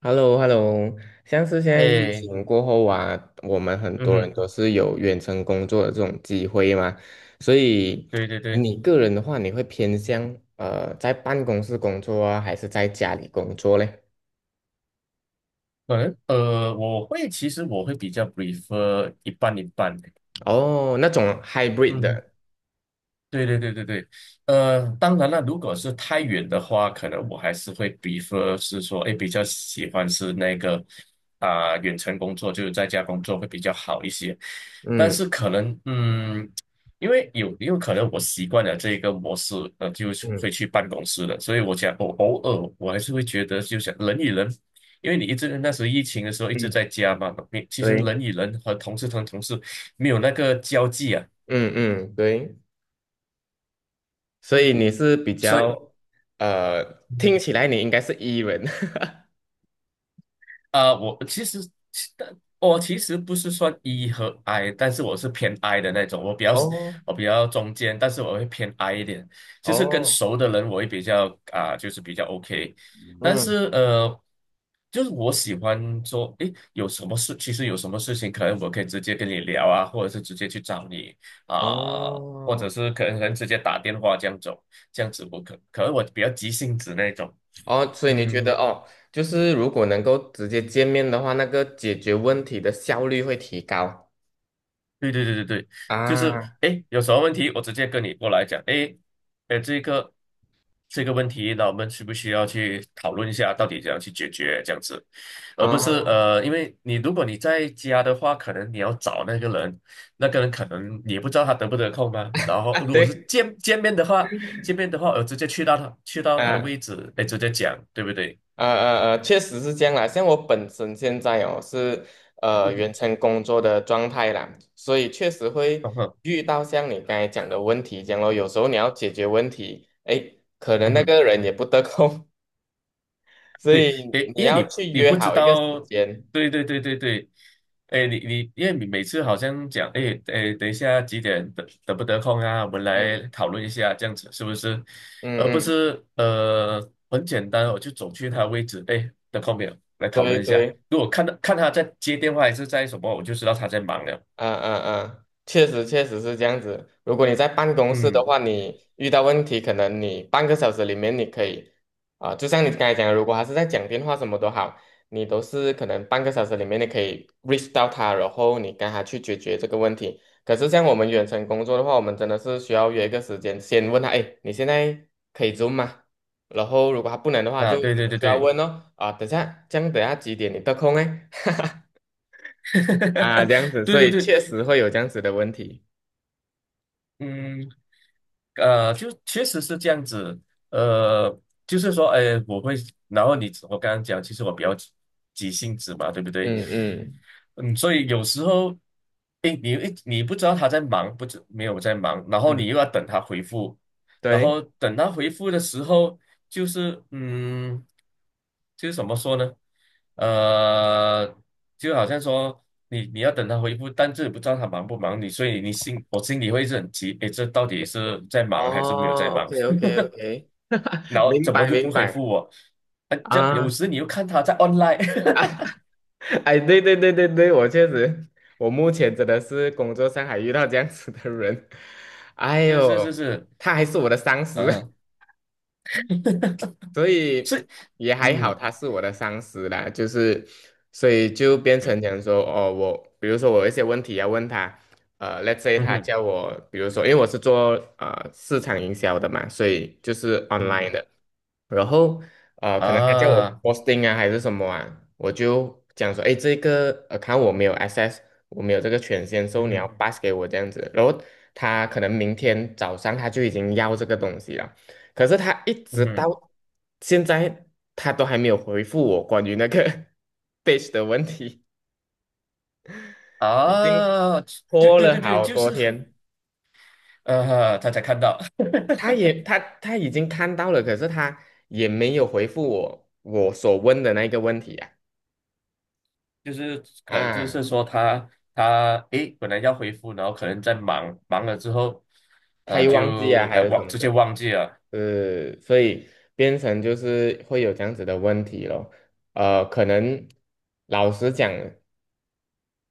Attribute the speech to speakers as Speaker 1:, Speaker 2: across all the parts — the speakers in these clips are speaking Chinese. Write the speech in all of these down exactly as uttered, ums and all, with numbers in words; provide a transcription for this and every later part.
Speaker 1: h e l l o h e l l o 像是现在疫
Speaker 2: 哎，
Speaker 1: 情过后啊，我们很
Speaker 2: 嗯
Speaker 1: 多人
Speaker 2: 哼，
Speaker 1: 都是有远程工作的这种机会嘛，所以
Speaker 2: 对对对，
Speaker 1: 你个人的话，你会偏向呃在办公室工作啊，还是在家里工作嘞？
Speaker 2: 可能呃，我会其实我会比较 prefer 一半一半，的，
Speaker 1: 哦，那种 hybrid
Speaker 2: 嗯哼。
Speaker 1: 的，
Speaker 2: 对对对对对，呃，当然了，如果是太远的话，可能我还是会比 r 是说，哎，比较喜欢是那个啊、远程工作，就是在家工作会比较好一些。但
Speaker 1: 嗯
Speaker 2: 是可能，嗯，因为有也有可能我习惯了这一个模式，呃，就是
Speaker 1: 嗯
Speaker 2: 会去办公室了。所以我想偶偶尔我还是会觉得，就想人与人，因为你一直那时候疫情的时候一直
Speaker 1: 嗯，
Speaker 2: 在家嘛，你其实
Speaker 1: 对，
Speaker 2: 人与人和同事同同事没有那个交际啊，
Speaker 1: 嗯嗯对，所以你是比
Speaker 2: 所以。
Speaker 1: 较呃，听起来你应该是 E 人，
Speaker 2: 呃，我其实其但我其实不是算 E 和 I，但是我是偏 I 的那种，我比较
Speaker 1: 哦
Speaker 2: 我比较中间，但是我会偏 I 一点，就是跟
Speaker 1: 哦，
Speaker 2: 熟的人我会比较啊、就是比较 OK，但
Speaker 1: 嗯
Speaker 2: 是呃，就是我喜欢说，诶，有什么事，其实有什么事情，可能我可以直接跟你聊啊，或者是直接去找你啊、或者
Speaker 1: 哦。
Speaker 2: 是可能可能直接打电话这样走，这样子我可可能我比较急性子那种，
Speaker 1: 哦，所以你觉得
Speaker 2: 嗯。
Speaker 1: 哦，就是如果能够直接见面的话，那个解决问题的效率会提高
Speaker 2: 对对对对对，就是
Speaker 1: 啊
Speaker 2: 哎，诶有什么问题我直接跟你过来讲，哎，哎，这个这个问题，那我们需不需要去讨论一下，到底怎样去解决这样子，而不是
Speaker 1: 啊
Speaker 2: 呃，因为你如果你在家的话，可能你要找那个人，那个人可能你也不知道他得不得空嘛，然后
Speaker 1: 啊，
Speaker 2: 如果是
Speaker 1: 对，
Speaker 2: 见见面的话，见面的话，我直接去到他去到他的位
Speaker 1: 啊
Speaker 2: 置，哎，直接讲，对不对？
Speaker 1: 呃呃呃，确实是这样啦。像我本身现在哦是呃远程工作的状态啦，所以确实会
Speaker 2: 嗯哼，
Speaker 1: 遇到像你刚才讲的问题这样咯。有时候你要解决问题，哎，可能
Speaker 2: 嗯
Speaker 1: 那
Speaker 2: 哼
Speaker 1: 个人也不得空，所
Speaker 2: 对，
Speaker 1: 以
Speaker 2: 诶，
Speaker 1: 你
Speaker 2: 因为
Speaker 1: 要
Speaker 2: 你
Speaker 1: 去
Speaker 2: 你
Speaker 1: 约
Speaker 2: 不知
Speaker 1: 好一个时
Speaker 2: 道，
Speaker 1: 间。
Speaker 2: 对对对对对，诶，你你因为你每次好像讲，诶诶，等一下几点得得不得空啊？我们来
Speaker 1: 嗯
Speaker 2: 讨论一下，这样子是不是？
Speaker 1: 嗯
Speaker 2: 而不
Speaker 1: 嗯，
Speaker 2: 是呃很简单哦，我就走去他位置，诶，得空没有？来讨
Speaker 1: 对
Speaker 2: 论一下。
Speaker 1: 对。
Speaker 2: 如果看到看他在接电话还是在什么，我就知道他在忙了。
Speaker 1: 嗯嗯嗯，确实确实是这样子。如果你在办公室的
Speaker 2: 嗯，
Speaker 1: 话，你遇到问题，可能你半个小时里面你可以，啊、就像你刚才讲的，如果他是在讲电话什么都好，你都是可能半个小时里面你可以 reach 到他，然后你跟他去解决这个问题。可是像我们远程工作的话，我们真的是需要约一个时间，先问他，哎，你现在可以 Zoom 吗？然后如果他不能的话，
Speaker 2: 啊，
Speaker 1: 就你
Speaker 2: 对对对
Speaker 1: 需要
Speaker 2: 对，
Speaker 1: 问哦，啊，等下，这样等下几点你得空哎？啊，这样子，
Speaker 2: 对
Speaker 1: 所
Speaker 2: 对
Speaker 1: 以
Speaker 2: 对，
Speaker 1: 确实会有这样子的问题。
Speaker 2: 嗯。呃，就确实是这样子，呃，就是说，哎，我会，然后你我刚刚讲，其实我比较急急性子嘛，对不对？
Speaker 1: 嗯嗯
Speaker 2: 嗯，所以有时候，诶，你诶，你不知道他在忙，不知没有在忙，然后你
Speaker 1: 嗯，
Speaker 2: 又要等他回复，然
Speaker 1: 对，
Speaker 2: 后等他回复的时候，就是嗯，就是怎么说呢？呃，就好像说你你要等他回复，但是不知道他忙不忙你，所以你心我心里会是很急，诶，这到底是在忙还是没有在
Speaker 1: 哦，OK
Speaker 2: 忙？
Speaker 1: OK OK，
Speaker 2: 然后
Speaker 1: 明
Speaker 2: 怎么
Speaker 1: 白
Speaker 2: 又不
Speaker 1: 明
Speaker 2: 回复
Speaker 1: 白
Speaker 2: 我？啊，这有
Speaker 1: 啊，
Speaker 2: 时你又看他在 online，
Speaker 1: 哎，对对对对对，我确实，我目前真的是工作上还遇到这样子的人，哎
Speaker 2: 是是是
Speaker 1: 呦，
Speaker 2: 是，
Speaker 1: 他还是我的上司，
Speaker 2: 呃。
Speaker 1: 所以
Speaker 2: 是，
Speaker 1: 也还好，
Speaker 2: 嗯
Speaker 1: 他是我的上司啦，就是所以就变成
Speaker 2: 嗯
Speaker 1: 讲说，哦，我比如说我有一些问题要问他，呃，let's say
Speaker 2: 嗯
Speaker 1: 他
Speaker 2: 哼
Speaker 1: 叫我，比如说因为我是做呃市场营销的嘛，所以就是
Speaker 2: 嗯
Speaker 1: online
Speaker 2: 哼
Speaker 1: 的，然后呃，可能他叫我
Speaker 2: 啊
Speaker 1: posting 啊还是什么啊，我就讲说，哎，这个呃，看我没有 access，我没有这个权限，所
Speaker 2: 嗯
Speaker 1: 以你要
Speaker 2: 哼
Speaker 1: pass 给我这样子，然后他可能明天早上他就已经要这个东西了。可是他一
Speaker 2: 嗯
Speaker 1: 直到
Speaker 2: 哼
Speaker 1: 现在，他都还没有回复我关于那个 page 的问题，已经
Speaker 2: 啊，对
Speaker 1: 拖
Speaker 2: 对
Speaker 1: 了
Speaker 2: 对对，
Speaker 1: 好
Speaker 2: 就
Speaker 1: 多
Speaker 2: 是
Speaker 1: 天。
Speaker 2: 呃，他才看到，
Speaker 1: 他也 他他已经看到了，可是他也没有回复我我所问的那个问题啊
Speaker 2: 就是可能就
Speaker 1: 啊，
Speaker 2: 是说他他诶，本来要回复，然后可能在忙忙了之后，
Speaker 1: 他
Speaker 2: 呃，
Speaker 1: 又忘记啊，
Speaker 2: 就
Speaker 1: 还
Speaker 2: 呃
Speaker 1: 有什
Speaker 2: 忘
Speaker 1: 么
Speaker 2: 直接
Speaker 1: 的，
Speaker 2: 忘记了，
Speaker 1: 呃，所以变成就是会有这样子的问题咯。呃，可能老实讲。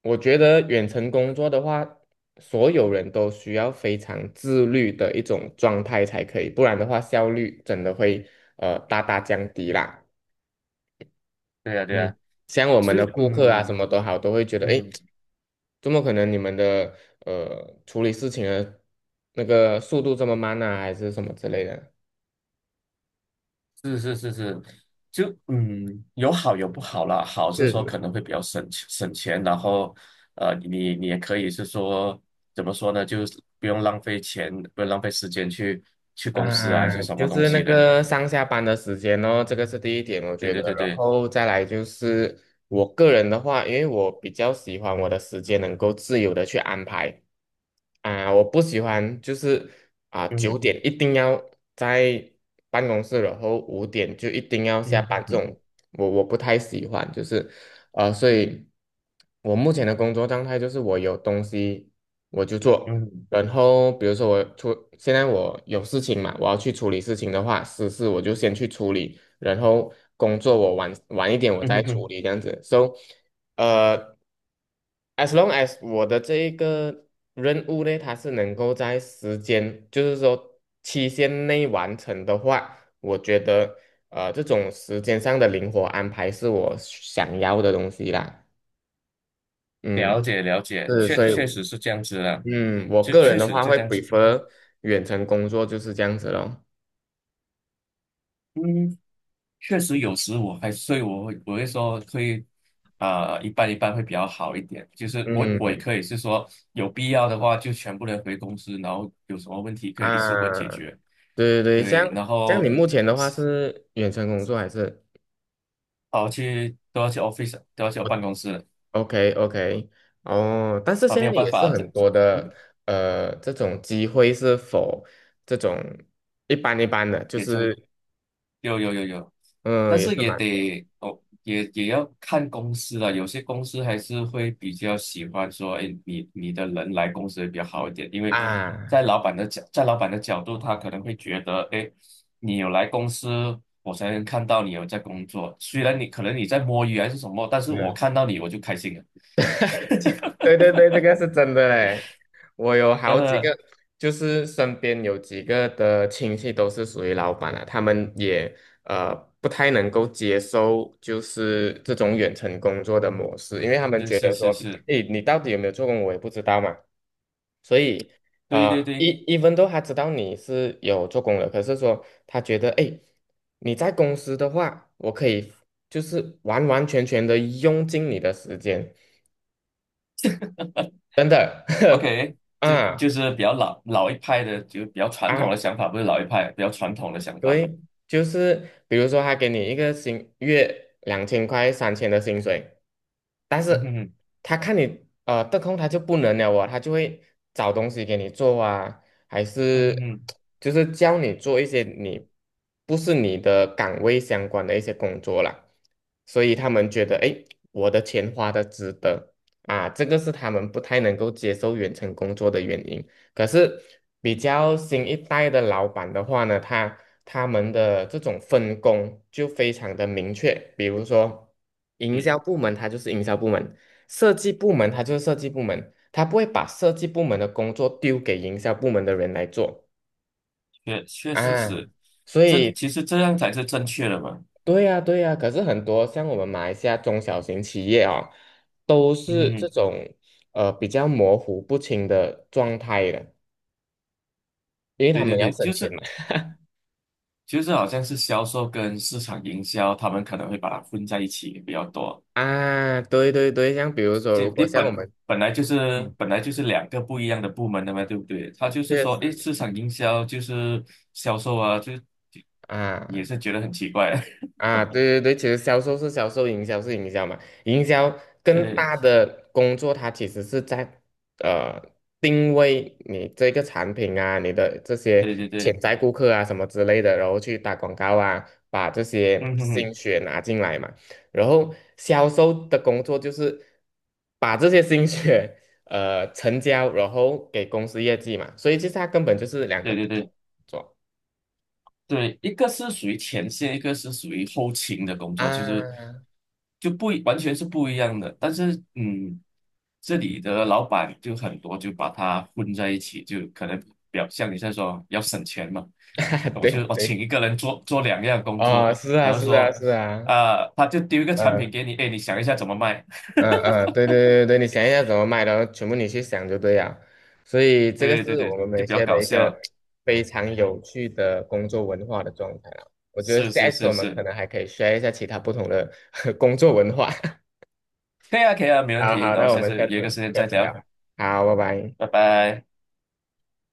Speaker 1: 我觉得远程工作的话，所有人都需要非常自律的一种状态才可以，不然的话效率真的会呃大大降低啦。
Speaker 2: 对呀、对
Speaker 1: 嗯，
Speaker 2: 呀、
Speaker 1: 像我们的
Speaker 2: 是
Speaker 1: 顾客啊，
Speaker 2: 嗯
Speaker 1: 什么都好，都会觉得，
Speaker 2: 嗯
Speaker 1: 诶，
Speaker 2: 哼
Speaker 1: 怎么可能你们的呃处理事情的那个速度这么慢呢，还是什么之类的？
Speaker 2: 是是是是，就嗯，有好有不好啦。好是说
Speaker 1: 是
Speaker 2: 可能会比较省钱省钱，然后呃，你你也可以是说怎么说呢，就是不用浪费钱，不用浪费时间去去公司啊，还
Speaker 1: 啊，
Speaker 2: 是
Speaker 1: 嗯
Speaker 2: 什
Speaker 1: 就
Speaker 2: 么东
Speaker 1: 是那
Speaker 2: 西的。
Speaker 1: 个上下班的时间哦，这个是第一点，我
Speaker 2: 对
Speaker 1: 觉得。
Speaker 2: 对对
Speaker 1: 然
Speaker 2: 对，
Speaker 1: 后再来就是我个人的话，因为我比较喜欢我的时间能够自由的去安排。啊，我不喜欢就是啊
Speaker 2: 嗯
Speaker 1: 九
Speaker 2: 哼
Speaker 1: 点一定要在办公室，然后五点就一定要下
Speaker 2: 嗯
Speaker 1: 班这
Speaker 2: 哼
Speaker 1: 种，我我不太喜欢，就是啊，所以我目前的工作状态就是我有东西我就做，
Speaker 2: 嗯哼
Speaker 1: 然后比如说我出，现在我有事情嘛，我要去处理事情的话，私事我就先去处理，然后工作我晚晚一点我
Speaker 2: 嗯哼
Speaker 1: 再
Speaker 2: 嗯
Speaker 1: 处
Speaker 2: 哼
Speaker 1: 理这样子，so 呃。as long as 我的这一个任务呢，它是能够在时间，就是说期限内完成的话，我觉得呃这种时间上的灵活安排是我想要的东西啦。嗯，
Speaker 2: 了解了解，
Speaker 1: 是，
Speaker 2: 确
Speaker 1: 所
Speaker 2: 确
Speaker 1: 以
Speaker 2: 实是这样子的，
Speaker 1: 嗯，我
Speaker 2: 确
Speaker 1: 个人
Speaker 2: 确
Speaker 1: 的
Speaker 2: 实是
Speaker 1: 话
Speaker 2: 这
Speaker 1: 会
Speaker 2: 样子。
Speaker 1: prefer 远程工作就是这样子咯。
Speaker 2: 嗯。确实有时我还，所以我会我会说会，啊一半一半会比较好一点。就是我我也
Speaker 1: 嗯
Speaker 2: 可以是说有必要的话，就全部人回公司，然后有什么问题可以一次过
Speaker 1: 啊，
Speaker 2: 解决。
Speaker 1: 对对对，像
Speaker 2: 对，然
Speaker 1: 像你
Speaker 2: 后
Speaker 1: 目前的话是远程工作还是？
Speaker 2: 跑去都要去 office，都要去我办公室
Speaker 1: OK OK，哦，但是
Speaker 2: 啊，
Speaker 1: 现
Speaker 2: 没有
Speaker 1: 在
Speaker 2: 办
Speaker 1: 也是
Speaker 2: 法的，
Speaker 1: 很
Speaker 2: 这
Speaker 1: 多的，
Speaker 2: 嗯，
Speaker 1: 呃，这种机会是否这种一般一般的，就
Speaker 2: 也成
Speaker 1: 是
Speaker 2: 有有有有，但
Speaker 1: 嗯，也
Speaker 2: 是
Speaker 1: 是
Speaker 2: 也
Speaker 1: 蛮多
Speaker 2: 得哦，也也要看公司了。有些公司还是会比较喜欢说，哎，你你的人来公司会比较好一点，因为在
Speaker 1: 啊，
Speaker 2: 老板的角，在老板的角度，他可能会觉得，哎，你有来公司，我才能看到你有在工作。虽然你可能你在摸鱼还是什么，但是我看到你我就开心了。
Speaker 1: 对对对，这个是真的嘞。我有好几
Speaker 2: 呃，
Speaker 1: 个，就是身边有几个的亲戚都是属于老板啊，他们也呃不太能够接受就是这种远程工作的模式，因为他们
Speaker 2: 是
Speaker 1: 觉
Speaker 2: 是
Speaker 1: 得
Speaker 2: 是
Speaker 1: 说，
Speaker 2: 是，
Speaker 1: 诶，你到底有没有做工，我也不知道嘛。所以，
Speaker 2: 对
Speaker 1: 呃
Speaker 2: 对
Speaker 1: 一
Speaker 2: 对
Speaker 1: 一分 e n 他知道你是有做工的，可是说他觉得，哎，你在公司的话，我可以就是完完全全的用尽你的时间，真的
Speaker 2: ，OK，就
Speaker 1: 啊
Speaker 2: 就是比较老老一派的，就比较传统的
Speaker 1: 啊，
Speaker 2: 想法，不是老一派，比较传统的想法。
Speaker 1: 对，就是比如说他给你一个薪月两千块、三千的薪水，
Speaker 2: 嗯哼哼，
Speaker 1: 他看你呃得空，他就不能了哦，他就会找东西给你做啊，还
Speaker 2: 嗯哼
Speaker 1: 是
Speaker 2: 哼，
Speaker 1: 就是教你做一些你不是你的岗位相关的一些工作啦，所以他们觉得诶，我的钱花的值得啊，这个是他们不太能够接受远程工作的原因。可是比较新一代的老板的话呢，他他们的这种分工就非常的明确，比如说营销
Speaker 2: 是
Speaker 1: 部门，它就是营销部门。设计部门它就是设计部门，它不会把设计部门的工作丢给营销部门的人来做
Speaker 2: 确确实
Speaker 1: 嗯啊。
Speaker 2: 是，
Speaker 1: 所
Speaker 2: 这
Speaker 1: 以，
Speaker 2: 其实这样才是正确的嘛。
Speaker 1: 对呀，对呀。可是很多像我们马来西亚中小型企业啊，都
Speaker 2: 嗯
Speaker 1: 是
Speaker 2: 哼
Speaker 1: 这
Speaker 2: 哼，
Speaker 1: 种呃比较模糊不清的状态的，因为他
Speaker 2: 对
Speaker 1: 们
Speaker 2: 对
Speaker 1: 要
Speaker 2: 对，
Speaker 1: 省
Speaker 2: 就
Speaker 1: 钱
Speaker 2: 是
Speaker 1: 嘛。
Speaker 2: 就是好像是销售跟市场营销，他们可能会把它混在一起比较多。
Speaker 1: 啊，对对对，像比如说，
Speaker 2: 这
Speaker 1: 如
Speaker 2: 你
Speaker 1: 果像我
Speaker 2: 本
Speaker 1: 们，
Speaker 2: 本来就是
Speaker 1: 嗯，
Speaker 2: 本来就是两个不一样的部门的嘛，对不对？他就是
Speaker 1: 确
Speaker 2: 说，诶，
Speaker 1: 实
Speaker 2: 市场营销就是销售啊，就就也
Speaker 1: 啊。
Speaker 2: 是觉得很奇怪。
Speaker 1: 啊，对对对，其实销售是销售，营销是营销嘛。营销更大
Speaker 2: 对
Speaker 1: 的工作，它其实是在呃定位你这个产品啊，你的这些
Speaker 2: 对对
Speaker 1: 潜
Speaker 2: 对，
Speaker 1: 在顾客啊什么之类的，然后去打广告啊，把这些
Speaker 2: 嗯哼哼，
Speaker 1: 心血拿进来嘛。然后销售的工作就是把这些心血呃成交，然后给公司业绩嘛。所以其实它根本就是两个
Speaker 2: 对对
Speaker 1: 不同
Speaker 2: 对。
Speaker 1: 工作
Speaker 2: 对，一个是属于前线，一个是属于后勤的工作，就是
Speaker 1: 啊，
Speaker 2: 就不一完全是不一样的。但是，嗯，这里的老板就很多，就把它混在一起，就可能表象你在说要省钱嘛，我就
Speaker 1: 对
Speaker 2: 我请
Speaker 1: 对。
Speaker 2: 一个人做做两样工
Speaker 1: 啊，
Speaker 2: 作，
Speaker 1: 是啊，
Speaker 2: 然后
Speaker 1: 是啊，
Speaker 2: 说，
Speaker 1: 是啊，
Speaker 2: 啊、他就丢一个产品给
Speaker 1: 嗯
Speaker 2: 你，哎，你想一下怎么卖？
Speaker 1: 嗯嗯，对对对对，你想一下怎么卖的，然后全部你去想就对了。所以这个
Speaker 2: 对对
Speaker 1: 是
Speaker 2: 对，
Speaker 1: 我们马
Speaker 2: 就
Speaker 1: 来
Speaker 2: 比
Speaker 1: 西
Speaker 2: 较
Speaker 1: 亚
Speaker 2: 搞
Speaker 1: 的一个
Speaker 2: 笑。
Speaker 1: 非常有趣的工作文化的状态啊。我觉得
Speaker 2: 是
Speaker 1: 下一
Speaker 2: 是
Speaker 1: 次
Speaker 2: 是
Speaker 1: 我们可
Speaker 2: 是，
Speaker 1: 能还可以 share 一下其他不同的 工作文化。
Speaker 2: 可以啊可以啊，没问
Speaker 1: 好
Speaker 2: 题。
Speaker 1: 好，
Speaker 2: 然后
Speaker 1: 那我
Speaker 2: 下
Speaker 1: 们
Speaker 2: 次
Speaker 1: 下
Speaker 2: 约个时
Speaker 1: 次
Speaker 2: 间
Speaker 1: 下
Speaker 2: 再
Speaker 1: 次聊。
Speaker 2: 聊，
Speaker 1: 好，拜拜。
Speaker 2: 拜拜。